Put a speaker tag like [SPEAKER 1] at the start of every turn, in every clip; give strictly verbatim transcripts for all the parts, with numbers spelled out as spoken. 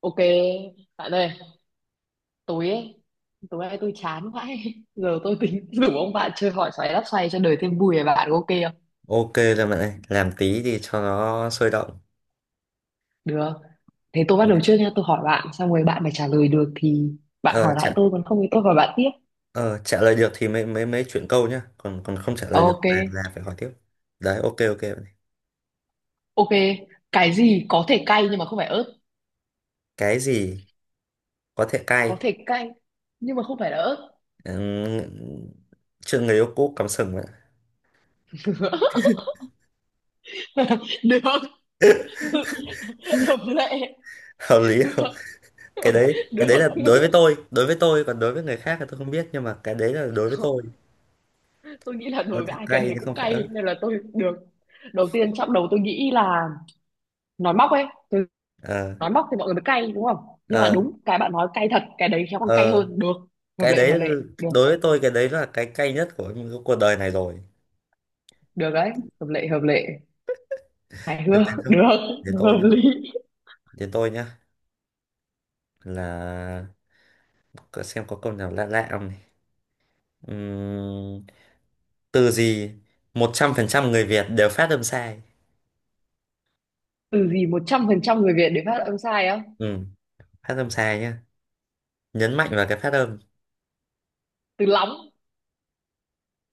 [SPEAKER 1] Ok, bạn ơi, tối ấy, tối nay tôi chán vãi. Giờ tôi tính rủ ông bạn chơi hỏi xoáy đáp xoay cho đời thêm vui. Về bạn có ok không?
[SPEAKER 2] Ok rồi bạn ơi, làm tí thì cho nó sôi động.
[SPEAKER 1] Được. Thế tôi bắt đầu trước nha, tôi hỏi bạn, xong rồi bạn phải trả lời được thì bạn
[SPEAKER 2] Ờ,
[SPEAKER 1] hỏi lại
[SPEAKER 2] trả,
[SPEAKER 1] tôi, còn không thì tôi hỏi bạn tiếp.
[SPEAKER 2] ờ, trả lời được thì mới mới mới chuyển câu nhá, còn còn không trả lời được
[SPEAKER 1] Ok,
[SPEAKER 2] là là phải hỏi tiếp. Đấy, ok, ok, bạn ơi.
[SPEAKER 1] ok. Cái gì có thể cay nhưng mà không phải ớt?
[SPEAKER 2] Cái gì có thể cay?
[SPEAKER 1] Có thể cay nhưng mà không phải là ớt.
[SPEAKER 2] Ừm, Chuyện người yêu cũ cắm sừng bạn ạ.
[SPEAKER 1] Được, hợp lệ.
[SPEAKER 2] Hợp lý
[SPEAKER 1] Được,
[SPEAKER 2] không? Cái đấy, cái đấy là đối
[SPEAKER 1] được.
[SPEAKER 2] với tôi, đối với tôi, còn đối với người khác thì tôi không biết, nhưng mà cái đấy là đối với
[SPEAKER 1] Không,
[SPEAKER 2] tôi.
[SPEAKER 1] tôi nghĩ là
[SPEAKER 2] Có
[SPEAKER 1] đối với
[SPEAKER 2] thể
[SPEAKER 1] ai cái
[SPEAKER 2] cay
[SPEAKER 1] đấy
[SPEAKER 2] chứ
[SPEAKER 1] cũng
[SPEAKER 2] không phải
[SPEAKER 1] cay,
[SPEAKER 2] ớt.
[SPEAKER 1] nên là tôi được. Đầu tiên trong đầu tôi nghĩ là nói móc ấy, từ
[SPEAKER 2] Ờ,
[SPEAKER 1] nói móc thì mọi người mới cay đúng không, nhưng mà
[SPEAKER 2] ờ,
[SPEAKER 1] đúng cái bạn nói cay thật, cái đấy khéo còn cay
[SPEAKER 2] ờ,
[SPEAKER 1] hơn. Được, hợp
[SPEAKER 2] cái
[SPEAKER 1] lệ,
[SPEAKER 2] đấy
[SPEAKER 1] hợp lệ, được.
[SPEAKER 2] đối với tôi, cái đấy là cái cay nhất của cuộc đời này rồi.
[SPEAKER 1] Được đấy, hợp lệ, hợp lệ, hài
[SPEAKER 2] Đến đến
[SPEAKER 1] hước.
[SPEAKER 2] tôi,
[SPEAKER 1] Được,
[SPEAKER 2] đến tôi
[SPEAKER 1] hợp lý.
[SPEAKER 2] Đến tôi nhá là có- xem có câu nào lạ lạ không này. Ừm, Từ gì một trăm phần trăm người Việt đều phát âm sai.
[SPEAKER 1] Từ gì một trăm phần trăm người Việt để phát âm sai á?
[SPEAKER 2] Ừ, phát âm sai nhá. Nhấn mạnh vào cái phát âm.
[SPEAKER 1] Từ lóng?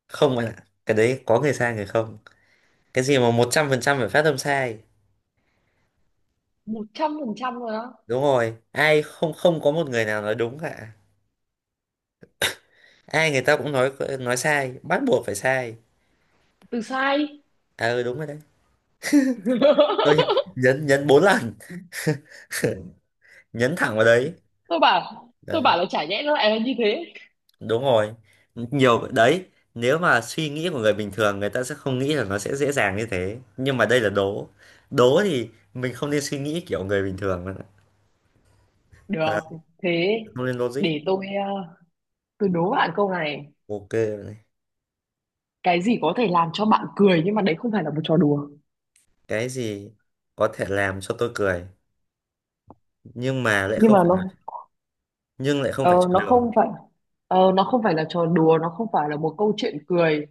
[SPEAKER 2] Không bạn ạ. Cái đấy có người sai người không. Cái gì mà một trăm phần trăm phải phát âm sai.
[SPEAKER 1] Một trăm phần trăm rồi á?
[SPEAKER 2] Đúng rồi. Ai không không có một người nào nói đúng cả. Ai người ta cũng nói nói sai, bắt buộc phải sai.
[SPEAKER 1] Từ sai.
[SPEAKER 2] À ừ, đúng rồi đấy. Tôi nhấn nhấn bốn lần, nhấn thẳng vào đấy.
[SPEAKER 1] Tôi bảo, tôi
[SPEAKER 2] Đấy.
[SPEAKER 1] bảo là chả nhẽ nó lại là như thế.
[SPEAKER 2] Đúng rồi, nhiều đấy. Nếu mà suy nghĩ của người bình thường, người ta sẽ không nghĩ là nó sẽ dễ dàng như thế, nhưng mà đây là đố. Đố thì mình không nên suy nghĩ kiểu người bình thường nữa.
[SPEAKER 1] Được.
[SPEAKER 2] Đấy,
[SPEAKER 1] Thế
[SPEAKER 2] không nên logic.
[SPEAKER 1] để tôi, ờ, tôi đố bạn câu này.
[SPEAKER 2] Ok này.
[SPEAKER 1] Cái gì có thể làm cho bạn cười nhưng mà đấy không phải là một trò đùa?
[SPEAKER 2] Cái gì có thể làm cho tôi cười nhưng mà lại
[SPEAKER 1] Nhưng
[SPEAKER 2] không
[SPEAKER 1] mà nó,
[SPEAKER 2] phải, nhưng lại không phải
[SPEAKER 1] ờ,
[SPEAKER 2] cho
[SPEAKER 1] nó
[SPEAKER 2] đường.
[SPEAKER 1] không phải. Ờ, nó không phải là trò đùa, nó không phải là một câu chuyện cười,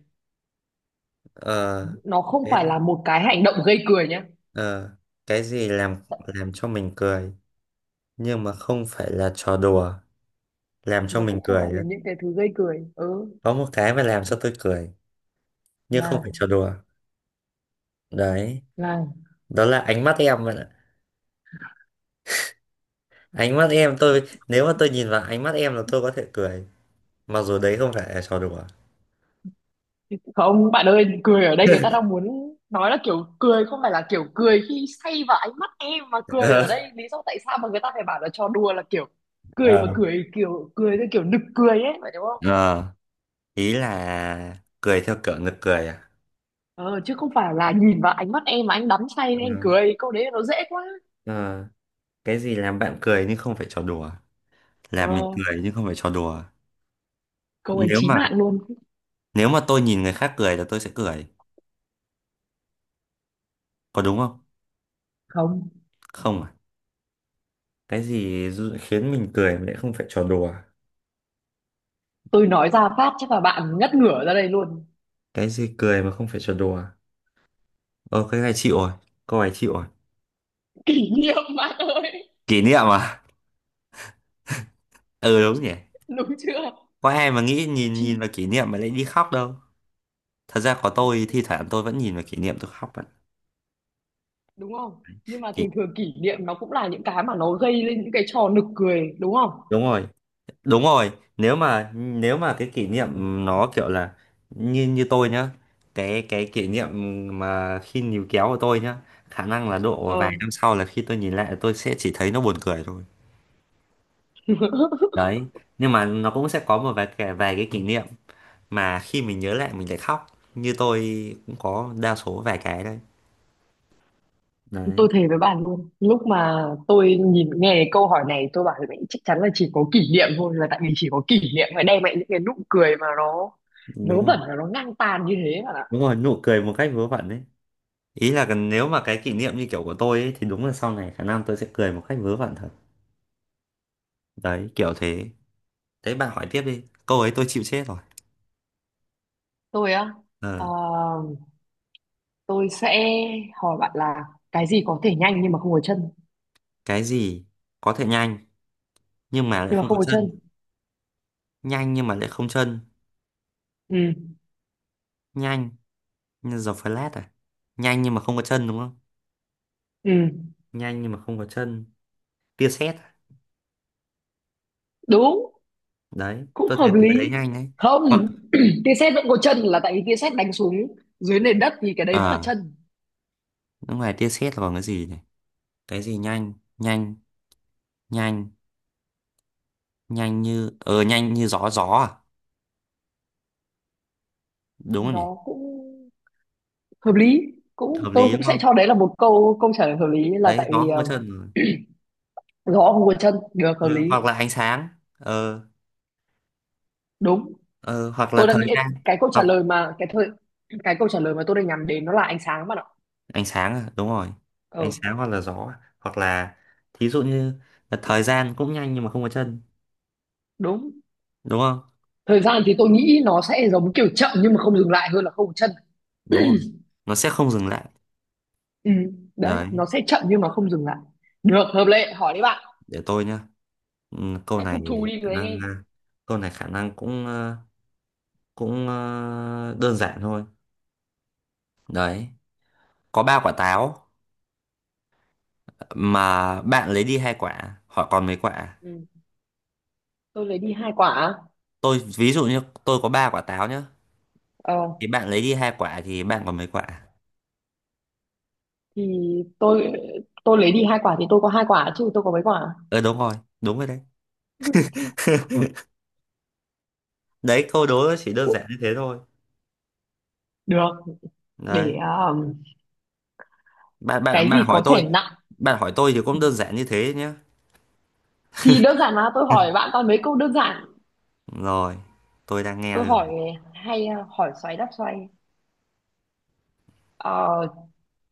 [SPEAKER 2] ờ,
[SPEAKER 1] nó không
[SPEAKER 2] cái
[SPEAKER 1] phải là một cái hành động gây cười nhé,
[SPEAKER 2] ờ, cái gì làm làm cho mình cười nhưng mà không phải là trò đùa, làm cho
[SPEAKER 1] mà
[SPEAKER 2] mình
[SPEAKER 1] cũng không
[SPEAKER 2] cười
[SPEAKER 1] phải là
[SPEAKER 2] á.
[SPEAKER 1] những cái thứ gây cười. Ừ,
[SPEAKER 2] Có một cái mà làm cho tôi cười nhưng
[SPEAKER 1] là
[SPEAKER 2] không phải trò đùa. Đấy.
[SPEAKER 1] là
[SPEAKER 2] Đó là ánh mắt em bạn ạ. Ánh mắt em tôi, nếu mà tôi nhìn vào ánh mắt em là tôi có thể cười, mặc dù đấy không phải là trò đùa.
[SPEAKER 1] Không bạn ơi, cười ở đây người ta đang muốn nói là kiểu cười không phải là kiểu cười khi say vào ánh mắt em, mà cười ở
[SPEAKER 2] ờ
[SPEAKER 1] đây lý do tại sao mà người ta phải bảo là trò đùa là kiểu cười mà
[SPEAKER 2] Ờ,
[SPEAKER 1] cười, kiểu cười theo kiểu nực cười ấy, phải đúng không?
[SPEAKER 2] Ờ, Ý là cười theo kiểu nực cười à?
[SPEAKER 1] Ờ, chứ không phải là nhìn vào ánh mắt em mà anh đắm say
[SPEAKER 2] Ờ,
[SPEAKER 1] nên anh cười, câu đấy nó dễ quá.
[SPEAKER 2] ờ, cái gì làm bạn cười nhưng không phải trò đùa,
[SPEAKER 1] Ờ,
[SPEAKER 2] làm mình cười nhưng không phải trò đùa?
[SPEAKER 1] câu ấy
[SPEAKER 2] nếu
[SPEAKER 1] chí
[SPEAKER 2] mà
[SPEAKER 1] mạng luôn.
[SPEAKER 2] nếu mà tôi nhìn người khác cười là tôi sẽ cười, có đúng không?
[SPEAKER 1] Không,
[SPEAKER 2] Không à? Cái gì dụ- khiến mình cười mà lại không phải trò đùa?
[SPEAKER 1] tôi nói ra phát chắc là bạn ngất ngửa ra đây luôn.
[SPEAKER 2] Cái gì cười mà không phải trò đùa? Ờ cái này chịu rồi. Câu này chịu rồi.
[SPEAKER 1] Kỷ niệm bạn ơi.
[SPEAKER 2] Kỷ niệm à? Ừ, đúng nhỉ.
[SPEAKER 1] Đúng chưa?
[SPEAKER 2] Có ai mà nghĩ nhìn nhìn
[SPEAKER 1] Chi-
[SPEAKER 2] vào kỷ niệm mà lại đi khóc đâu? Thật ra có, tôi thi thoảng tôi vẫn nhìn vào kỷ niệm tôi khóc bạn.
[SPEAKER 1] Đúng không, nhưng mà
[SPEAKER 2] kỷ...
[SPEAKER 1] thường thường kỷ niệm nó cũng là những cái mà nó gây lên những cái trò nực cười đúng không?
[SPEAKER 2] đúng rồi, đúng rồi. Nếu mà nếu mà cái kỷ niệm nó kiểu là như như tôi nhá, cái cái kỷ niệm mà khi níu kéo của tôi nhá, khả năng là độ vài
[SPEAKER 1] Ờ.
[SPEAKER 2] năm sau là khi tôi nhìn lại tôi sẽ chỉ thấy nó buồn cười thôi. Đấy. Nhưng mà nó cũng sẽ có một vài cái vài cái kỷ niệm mà khi mình nhớ lại mình lại khóc, như tôi, cũng có đa số vài cái đấy. Đấy.
[SPEAKER 1] Tôi thề với bạn luôn, lúc mà tôi nhìn nghe câu hỏi này tôi bảo mẹ chắc chắn là chỉ có kỷ niệm thôi, là tại vì chỉ có kỷ niệm mới đem lại những cái nụ cười mà nó vớ
[SPEAKER 2] Đúng rồi,
[SPEAKER 1] vẩn và nó ngang tàn như thế bạn ạ.
[SPEAKER 2] đúng rồi, nụ cười một cách vớ vẩn đấy. Ý là cần- nếu mà cái kỷ niệm như kiểu của tôi ấy, thì đúng là sau này khả năng tôi sẽ cười một cách vớ vẩn thật. Đấy, kiểu thế. Thế bạn hỏi tiếp đi, câu ấy tôi chịu chết rồi.
[SPEAKER 1] Tôi á? ờ,
[SPEAKER 2] ờ,
[SPEAKER 1] tôi sẽ hỏi bạn là cái gì có thể nhanh nhưng mà không có chân?
[SPEAKER 2] cái gì có thể nhanh nhưng mà lại
[SPEAKER 1] Nhưng mà
[SPEAKER 2] không có
[SPEAKER 1] không có
[SPEAKER 2] chân?
[SPEAKER 1] chân.
[SPEAKER 2] Nhanh nhưng mà lại không chân.
[SPEAKER 1] Ừ.
[SPEAKER 2] Nhanh như giờ Flash à? Nhanh nhưng mà không có chân đúng không?
[SPEAKER 1] Ừ.
[SPEAKER 2] Nhanh nhưng mà không có chân. Tia sét à?
[SPEAKER 1] Đúng.
[SPEAKER 2] Đấy,
[SPEAKER 1] Cũng
[SPEAKER 2] tôi thấy
[SPEAKER 1] hợp
[SPEAKER 2] cái đấy
[SPEAKER 1] lý.
[SPEAKER 2] nhanh đấy. Hoặc
[SPEAKER 1] Không, tia sét vẫn có chân, là tại vì tia sét đánh xuống dưới nền đất thì cái
[SPEAKER 2] ờ
[SPEAKER 1] đấy vẫn là
[SPEAKER 2] à,
[SPEAKER 1] chân.
[SPEAKER 2] đúng rồi, tia sét là bằng cái gì này. Cái gì nhanh nhanh nhanh nhanh như ờ nhanh như gió gió À, đúng rồi nhỉ.
[SPEAKER 1] Đó cũng hợp lý. Cũng,
[SPEAKER 2] Hợp
[SPEAKER 1] tôi
[SPEAKER 2] lý
[SPEAKER 1] cũng
[SPEAKER 2] đúng
[SPEAKER 1] sẽ
[SPEAKER 2] không?
[SPEAKER 1] cho đấy là một câu câu trả lời hợp lý, là
[SPEAKER 2] Đấy,
[SPEAKER 1] tại
[SPEAKER 2] gió
[SPEAKER 1] vì,
[SPEAKER 2] không có
[SPEAKER 1] ờ,
[SPEAKER 2] chân rồi.
[SPEAKER 1] gió không có chân, được,
[SPEAKER 2] Ờ,
[SPEAKER 1] hợp lý.
[SPEAKER 2] hoặc là ánh sáng. ờ
[SPEAKER 1] Đúng.
[SPEAKER 2] ờ hoặc là
[SPEAKER 1] Tôi đang
[SPEAKER 2] thời
[SPEAKER 1] nghĩ,
[SPEAKER 2] gian.
[SPEAKER 1] cái câu trả lời
[SPEAKER 2] Hoặc
[SPEAKER 1] mà cái thời cái câu trả lời mà tôi đang nhắm đến nó là ánh sáng bạn ạ.
[SPEAKER 2] ánh sáng à? Đúng rồi, ánh
[SPEAKER 1] Ừ.
[SPEAKER 2] sáng hoặc là gió à. Hoặc là, thí dụ như là thời gian cũng nhanh nhưng mà không có chân.
[SPEAKER 1] Đúng.
[SPEAKER 2] Đúng không?
[SPEAKER 1] Thời gian thì tôi nghĩ nó sẽ giống kiểu chậm nhưng mà không dừng lại, hơn là không có chân.
[SPEAKER 2] Đúng rồi, nó sẽ không dừng lại.
[SPEAKER 1] Ừ, đấy,
[SPEAKER 2] Đấy.
[SPEAKER 1] nó sẽ chậm nhưng mà không dừng lại. Được, hợp lệ, hỏi đi bạn.
[SPEAKER 2] Để tôi nhá. Ừ, câu
[SPEAKER 1] Hãy phục thù
[SPEAKER 2] này
[SPEAKER 1] đi
[SPEAKER 2] khả
[SPEAKER 1] người anh
[SPEAKER 2] năng
[SPEAKER 1] em.
[SPEAKER 2] ờ, câu này khả năng cũng ờ, cũng ờ, đơn giản thôi. Đấy, có ba quả táo mà bạn lấy đi hai quả họ còn mấy quả?
[SPEAKER 1] Ừ, tôi lấy đi hai quả à?
[SPEAKER 2] Tôi ví dụ như tôi có ba quả táo nhá,
[SPEAKER 1] Ờ,
[SPEAKER 2] thì bạn lấy đi hai quả thì bạn còn mấy quả?
[SPEAKER 1] thì tôi tôi lấy đi hai quả thì tôi có hai quả, chứ tôi có mấy quả.
[SPEAKER 2] Ờ, đúng rồi, đúng rồi đấy. Đấy, câu đố nó chỉ đơn giản như thế thôi.
[SPEAKER 1] Được,
[SPEAKER 2] Đấy.
[SPEAKER 1] để, um,
[SPEAKER 2] bạn bạn
[SPEAKER 1] cái
[SPEAKER 2] bạn
[SPEAKER 1] gì
[SPEAKER 2] hỏi
[SPEAKER 1] có
[SPEAKER 2] tôi.
[SPEAKER 1] thể nặng.
[SPEAKER 2] Bạn hỏi tôi thì cũng đơn giản như thế nhá.
[SPEAKER 1] Thì đơn giản mà, tôi hỏi bạn toàn mấy câu đơn giản.
[SPEAKER 2] Rồi, tôi đang nghe
[SPEAKER 1] Tôi
[SPEAKER 2] đây rồi.
[SPEAKER 1] hỏi hay, uh, hỏi xoáy đáp xoay. Ờ,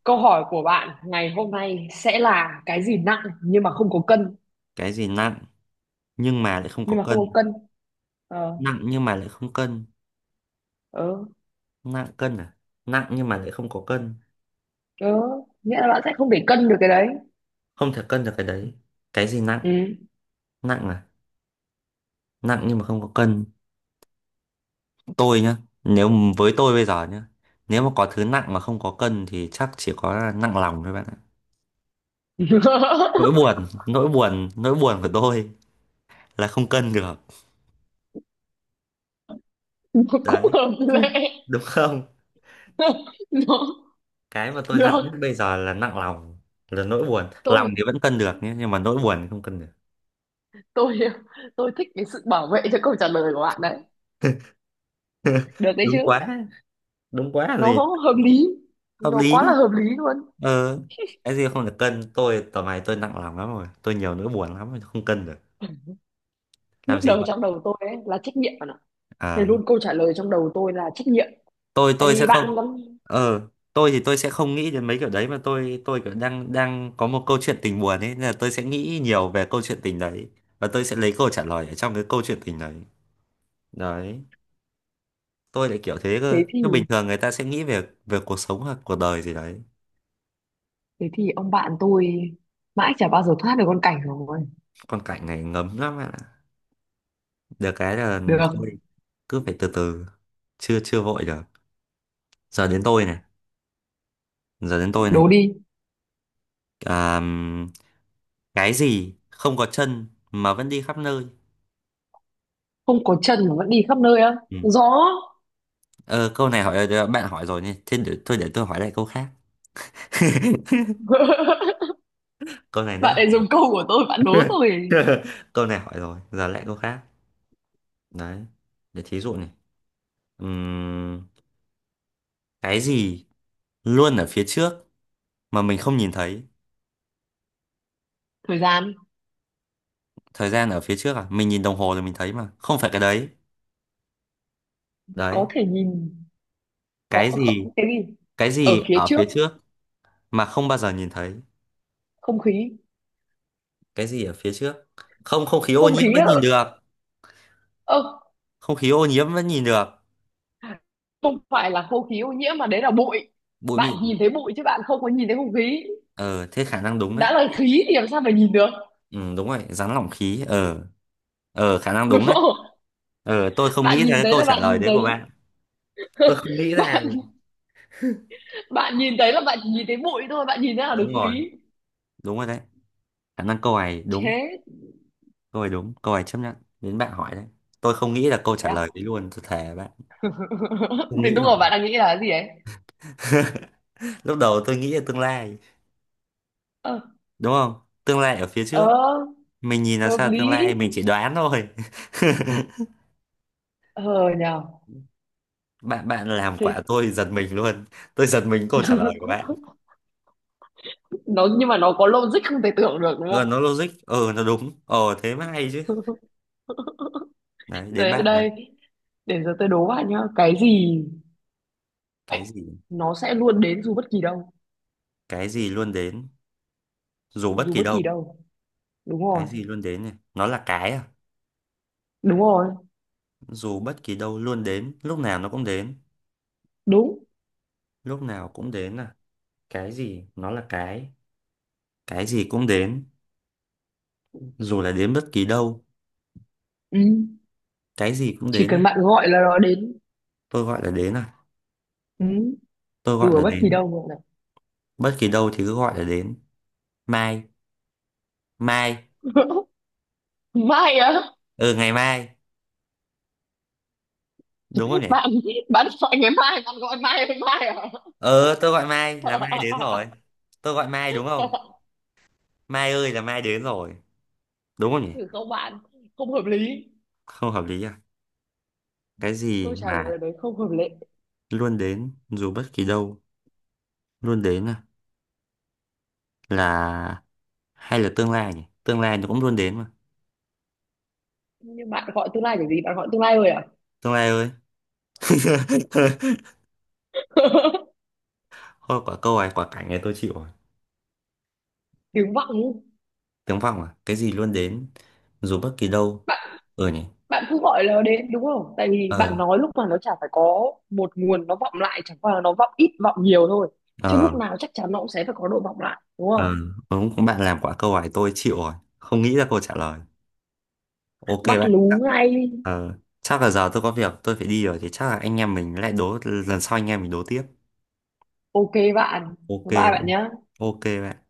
[SPEAKER 1] câu hỏi của bạn ngày hôm nay sẽ là cái gì nặng nhưng mà không có cân,
[SPEAKER 2] Cái gì nặng nhưng mà lại không
[SPEAKER 1] nhưng
[SPEAKER 2] có
[SPEAKER 1] mà không có
[SPEAKER 2] cân?
[SPEAKER 1] cân. Ờ,
[SPEAKER 2] Nặng nhưng mà lại không cân.
[SPEAKER 1] ờ,
[SPEAKER 2] Nặng cân à? Nặng nhưng mà lại không có cân.
[SPEAKER 1] ờ, nghĩa là bạn sẽ không để cân được cái đấy.
[SPEAKER 2] Không thể cân được cái đấy. Cái gì nặng?
[SPEAKER 1] Ừ.
[SPEAKER 2] Nặng à? Nặng nhưng mà không có cân. Tôi nhá, nếu m- với tôi bây giờ nhá, nếu mà có thứ nặng mà không có cân thì chắc chỉ có nặng lòng thôi bạn ạ. Nỗi buồn nỗi buồn nỗi buồn của tôi là không cân được.
[SPEAKER 1] Nó cũng
[SPEAKER 2] Đấy.
[SPEAKER 1] hợp lệ.
[SPEAKER 2] Đúng không?
[SPEAKER 1] Nó
[SPEAKER 2] Cái mà tôi nặng nhất
[SPEAKER 1] được.
[SPEAKER 2] bây giờ là nặng lòng, là nỗi buồn. Lòng
[SPEAKER 1] tôi
[SPEAKER 2] thì vẫn cân được nhé, nhưng mà nỗi buồn thì không cân được.
[SPEAKER 1] tôi tôi thích cái sự bảo vệ cho câu trả lời của bạn đấy, được đấy chứ.
[SPEAKER 2] Đúng quá. Đúng quá là
[SPEAKER 1] Nó
[SPEAKER 2] gì.
[SPEAKER 1] hợp lý,
[SPEAKER 2] Hợp
[SPEAKER 1] nó quá là
[SPEAKER 2] lý.
[SPEAKER 1] hợp lý luôn.
[SPEAKER 2] Ờ cái gì không được cân, tôi tầm này tôi nặng lòng lắm rồi, tôi nhiều nỗi buồn lắm không cân được. Làm
[SPEAKER 1] Lúc
[SPEAKER 2] gì
[SPEAKER 1] đầu
[SPEAKER 2] vậy?
[SPEAKER 1] trong đầu tôi ấy là trách nhiệm bạn ạ. Thế
[SPEAKER 2] Ờ.
[SPEAKER 1] luôn, câu trả lời trong đầu tôi là trách nhiệm.
[SPEAKER 2] tôi
[SPEAKER 1] Tại
[SPEAKER 2] tôi sẽ
[SPEAKER 1] vì
[SPEAKER 2] không,
[SPEAKER 1] bạn lắm.
[SPEAKER 2] ờ tôi thì tôi sẽ không nghĩ đến mấy kiểu đấy, mà tôi tôi kiểu đang đang có một câu chuyện tình buồn ấy, nên là tôi sẽ nghĩ nhiều về câu chuyện tình đấy. Và tôi sẽ lấy câu trả lời ở trong cái câu chuyện tình đấy. Đấy. Tôi lại kiểu thế cơ,
[SPEAKER 1] Thế thì,
[SPEAKER 2] chứ bình thường người ta sẽ nghĩ về về cuộc sống hoặc cuộc đời gì đấy.
[SPEAKER 1] thế thì ông bạn tôi mãi chả bao giờ thoát được con cảnh rồi.
[SPEAKER 2] Con cảnh này ngấm lắm ạ. Được cái là
[SPEAKER 1] Được,
[SPEAKER 2] thôi. Cứ phải từ từ. Chưa chưa vội được. Giờ đến tôi này. Giờ đến tôi này.
[SPEAKER 1] đố đi.
[SPEAKER 2] À, cái gì không có chân mà vẫn đi khắp nơi?
[SPEAKER 1] Không có chân mà vẫn đi khắp nơi á?
[SPEAKER 2] Ừ.
[SPEAKER 1] Gió.
[SPEAKER 2] Ờ, câu này hỏi ờ, bạn hỏi rồi nhỉ. Thế để, thôi để tôi hỏi lại câu khác. Câu này đấy,
[SPEAKER 1] Bạn ấy dùng câu của tôi bạn đố tôi.
[SPEAKER 2] câu này hỏi rồi, giờ lại câu khác. Đấy. Để thí dụ này. Ừm, cái gì luôn ở phía trước mà mình không nhìn thấy?
[SPEAKER 1] Thời gian.
[SPEAKER 2] Thời gian ở phía trước à? Mình nhìn đồng hồ rồi mình thấy mà, không phải cái đấy.
[SPEAKER 1] Có
[SPEAKER 2] Đấy.
[SPEAKER 1] thể nhìn? Có
[SPEAKER 2] Cái gì?
[SPEAKER 1] không, cái gì
[SPEAKER 2] Cái
[SPEAKER 1] ở
[SPEAKER 2] gì
[SPEAKER 1] phía
[SPEAKER 2] ở
[SPEAKER 1] trước?
[SPEAKER 2] phía trước mà không bao giờ nhìn thấy?
[SPEAKER 1] Không khí.
[SPEAKER 2] Cái gì ở phía trước? Không, không khí ô
[SPEAKER 1] Không
[SPEAKER 2] nhiễm
[SPEAKER 1] khí
[SPEAKER 2] vẫn
[SPEAKER 1] ở,
[SPEAKER 2] nhìn được.
[SPEAKER 1] ơ.
[SPEAKER 2] Không khí ô nhiễm vẫn nhìn được.
[SPEAKER 1] Không phải là không khí ô nhiễm mà đấy là bụi,
[SPEAKER 2] Bụi
[SPEAKER 1] bạn
[SPEAKER 2] mịn.
[SPEAKER 1] nhìn thấy bụi chứ bạn không có nhìn thấy không khí.
[SPEAKER 2] Ờ, thế khả năng đúng đấy.
[SPEAKER 1] Đã là khí thì làm sao mà nhìn được,
[SPEAKER 2] Ừ, đúng rồi, rắn lỏng khí. Ờ, ờ khả năng
[SPEAKER 1] đúng
[SPEAKER 2] đúng đấy.
[SPEAKER 1] không?
[SPEAKER 2] Ờ, tôi không nghĩ
[SPEAKER 1] Bạn
[SPEAKER 2] ra
[SPEAKER 1] nhìn
[SPEAKER 2] cái
[SPEAKER 1] thấy
[SPEAKER 2] câu
[SPEAKER 1] là
[SPEAKER 2] trả
[SPEAKER 1] bạn
[SPEAKER 2] lời
[SPEAKER 1] nhìn
[SPEAKER 2] đấy của
[SPEAKER 1] thấy.
[SPEAKER 2] bạn. Tôi không nghĩ ra
[SPEAKER 1] bạn
[SPEAKER 2] rồi.
[SPEAKER 1] bạn nhìn thấy là bạn chỉ nhìn thấy bụi thôi, bạn nhìn thấy là được
[SPEAKER 2] Đúng rồi,
[SPEAKER 1] khí.
[SPEAKER 2] đúng rồi đấy. Khả năng câu này đúng,
[SPEAKER 1] Chết.
[SPEAKER 2] câu này đúng, câu này chấp nhận. Đến bạn hỏi đấy. Tôi không nghĩ là câu
[SPEAKER 1] Thế
[SPEAKER 2] trả
[SPEAKER 1] à?
[SPEAKER 2] lời đấy luôn, tôi thề bạn. Không
[SPEAKER 1] Thì
[SPEAKER 2] nghĩ
[SPEAKER 1] đúng rồi,
[SPEAKER 2] nổi.
[SPEAKER 1] bạn đang nghĩ là cái gì ấy?
[SPEAKER 2] Lúc đầu tôi nghĩ là tương lai,
[SPEAKER 1] Ờ,
[SPEAKER 2] đúng không? Tương lai ở phía trước.
[SPEAKER 1] ờ,
[SPEAKER 2] Mình nhìn là
[SPEAKER 1] hợp
[SPEAKER 2] sao tương
[SPEAKER 1] lý.
[SPEAKER 2] lai, mình chỉ đoán thôi.
[SPEAKER 1] Ờ, nhờ.
[SPEAKER 2] Bạn bạn làm
[SPEAKER 1] Thế.
[SPEAKER 2] quả tôi giật mình luôn. Tôi giật mình câu trả lời của bạn.
[SPEAKER 1] Nó, nhưng mà nó có logic không thể tưởng được đúng
[SPEAKER 2] Ờ,
[SPEAKER 1] không?
[SPEAKER 2] nó logic, ờ, nó đúng. Ờ, Thế mới hay. Đấy, đến
[SPEAKER 1] Đấy,
[SPEAKER 2] bạn này.
[SPEAKER 1] đây, để giờ tôi đố bạn nhá. Cái gì ấy,
[SPEAKER 2] cái gì
[SPEAKER 1] nó sẽ luôn đến dù bất kỳ đâu.
[SPEAKER 2] cái gì luôn đến dù bất
[SPEAKER 1] Dù
[SPEAKER 2] kỳ
[SPEAKER 1] bất
[SPEAKER 2] đâu?
[SPEAKER 1] kỳ đâu. Đúng
[SPEAKER 2] Cái
[SPEAKER 1] rồi.
[SPEAKER 2] gì luôn đến này, nó là cái à?
[SPEAKER 1] Đúng rồi.
[SPEAKER 2] Dù bất kỳ đâu, luôn đến lúc nào nó cũng đến.
[SPEAKER 1] Đúng.
[SPEAKER 2] Lúc nào cũng đến à? Cái gì, nó là cái cái gì cũng đến, dù là đến bất kỳ đâu.
[SPEAKER 1] Ừ.
[SPEAKER 2] Cái gì cũng
[SPEAKER 1] Chỉ
[SPEAKER 2] đến à?
[SPEAKER 1] cần bạn gọi là nó đến.
[SPEAKER 2] Tôi gọi là đến à?
[SPEAKER 1] Ừ.
[SPEAKER 2] Tôi
[SPEAKER 1] Dù
[SPEAKER 2] gọi
[SPEAKER 1] ở
[SPEAKER 2] là
[SPEAKER 1] bất kỳ
[SPEAKER 2] đến.
[SPEAKER 1] đâu gọi là.
[SPEAKER 2] Bất kỳ đâu thì cứ gọi là đến. Mai mai
[SPEAKER 1] Mai á?
[SPEAKER 2] Ừ, ngày mai, đúng không nhỉ?
[SPEAKER 1] Bạn, bạn gọi ngày mai, bạn gọi mai với mai à?
[SPEAKER 2] ờ tôi gọi mai là mai đến rồi. Tôi gọi mai đúng không? Mai ơi, là mai đến rồi. Đúng không nhỉ?
[SPEAKER 1] Ừ, không bạn, không hợp lý.
[SPEAKER 2] Không hợp lý à? Cái gì
[SPEAKER 1] Tôi trả
[SPEAKER 2] mà
[SPEAKER 1] lời đấy không hợp lệ.
[SPEAKER 2] luôn đến dù bất kỳ đâu, luôn đến à? Là, hay là tương lai nhỉ, tương lai nó cũng luôn đến mà.
[SPEAKER 1] Nhưng bạn gọi tương lai kiểu gì? Bạn gọi tương lai rồi à?
[SPEAKER 2] Tương lai ơi. Thôi quả câu này, quả cảnh này tôi chịu rồi.
[SPEAKER 1] Tiếng vọng.
[SPEAKER 2] Tiếng vọng à? Cái gì luôn đến dù bất kỳ đâu? Ừ nhỉ.
[SPEAKER 1] Bạn cứ gọi nó đến đúng không, tại vì
[SPEAKER 2] ờ
[SPEAKER 1] bạn nói lúc mà nó chả phải, có một nguồn nó vọng lại, chẳng qua là nó vọng ít vọng nhiều thôi, chứ lúc
[SPEAKER 2] ờ
[SPEAKER 1] nào chắc chắn nó cũng sẽ phải có độ vọng lại đúng
[SPEAKER 2] ờ
[SPEAKER 1] không.
[SPEAKER 2] đúng cũng, bạn làm quả câu hỏi tôi chịu rồi, không nghĩ ra câu trả lời. Ok
[SPEAKER 1] Bắt
[SPEAKER 2] bạn.
[SPEAKER 1] lú ngay.
[SPEAKER 2] Ờ chắc là giờ tôi có việc tôi phải đi rồi, thì chắc là anh em mình lại đố lần sau, anh em mình đố tiếp.
[SPEAKER 1] Ok bạn.
[SPEAKER 2] Ok
[SPEAKER 1] Bye bye bạn
[SPEAKER 2] bạn.
[SPEAKER 1] nhé.
[SPEAKER 2] Ok bạn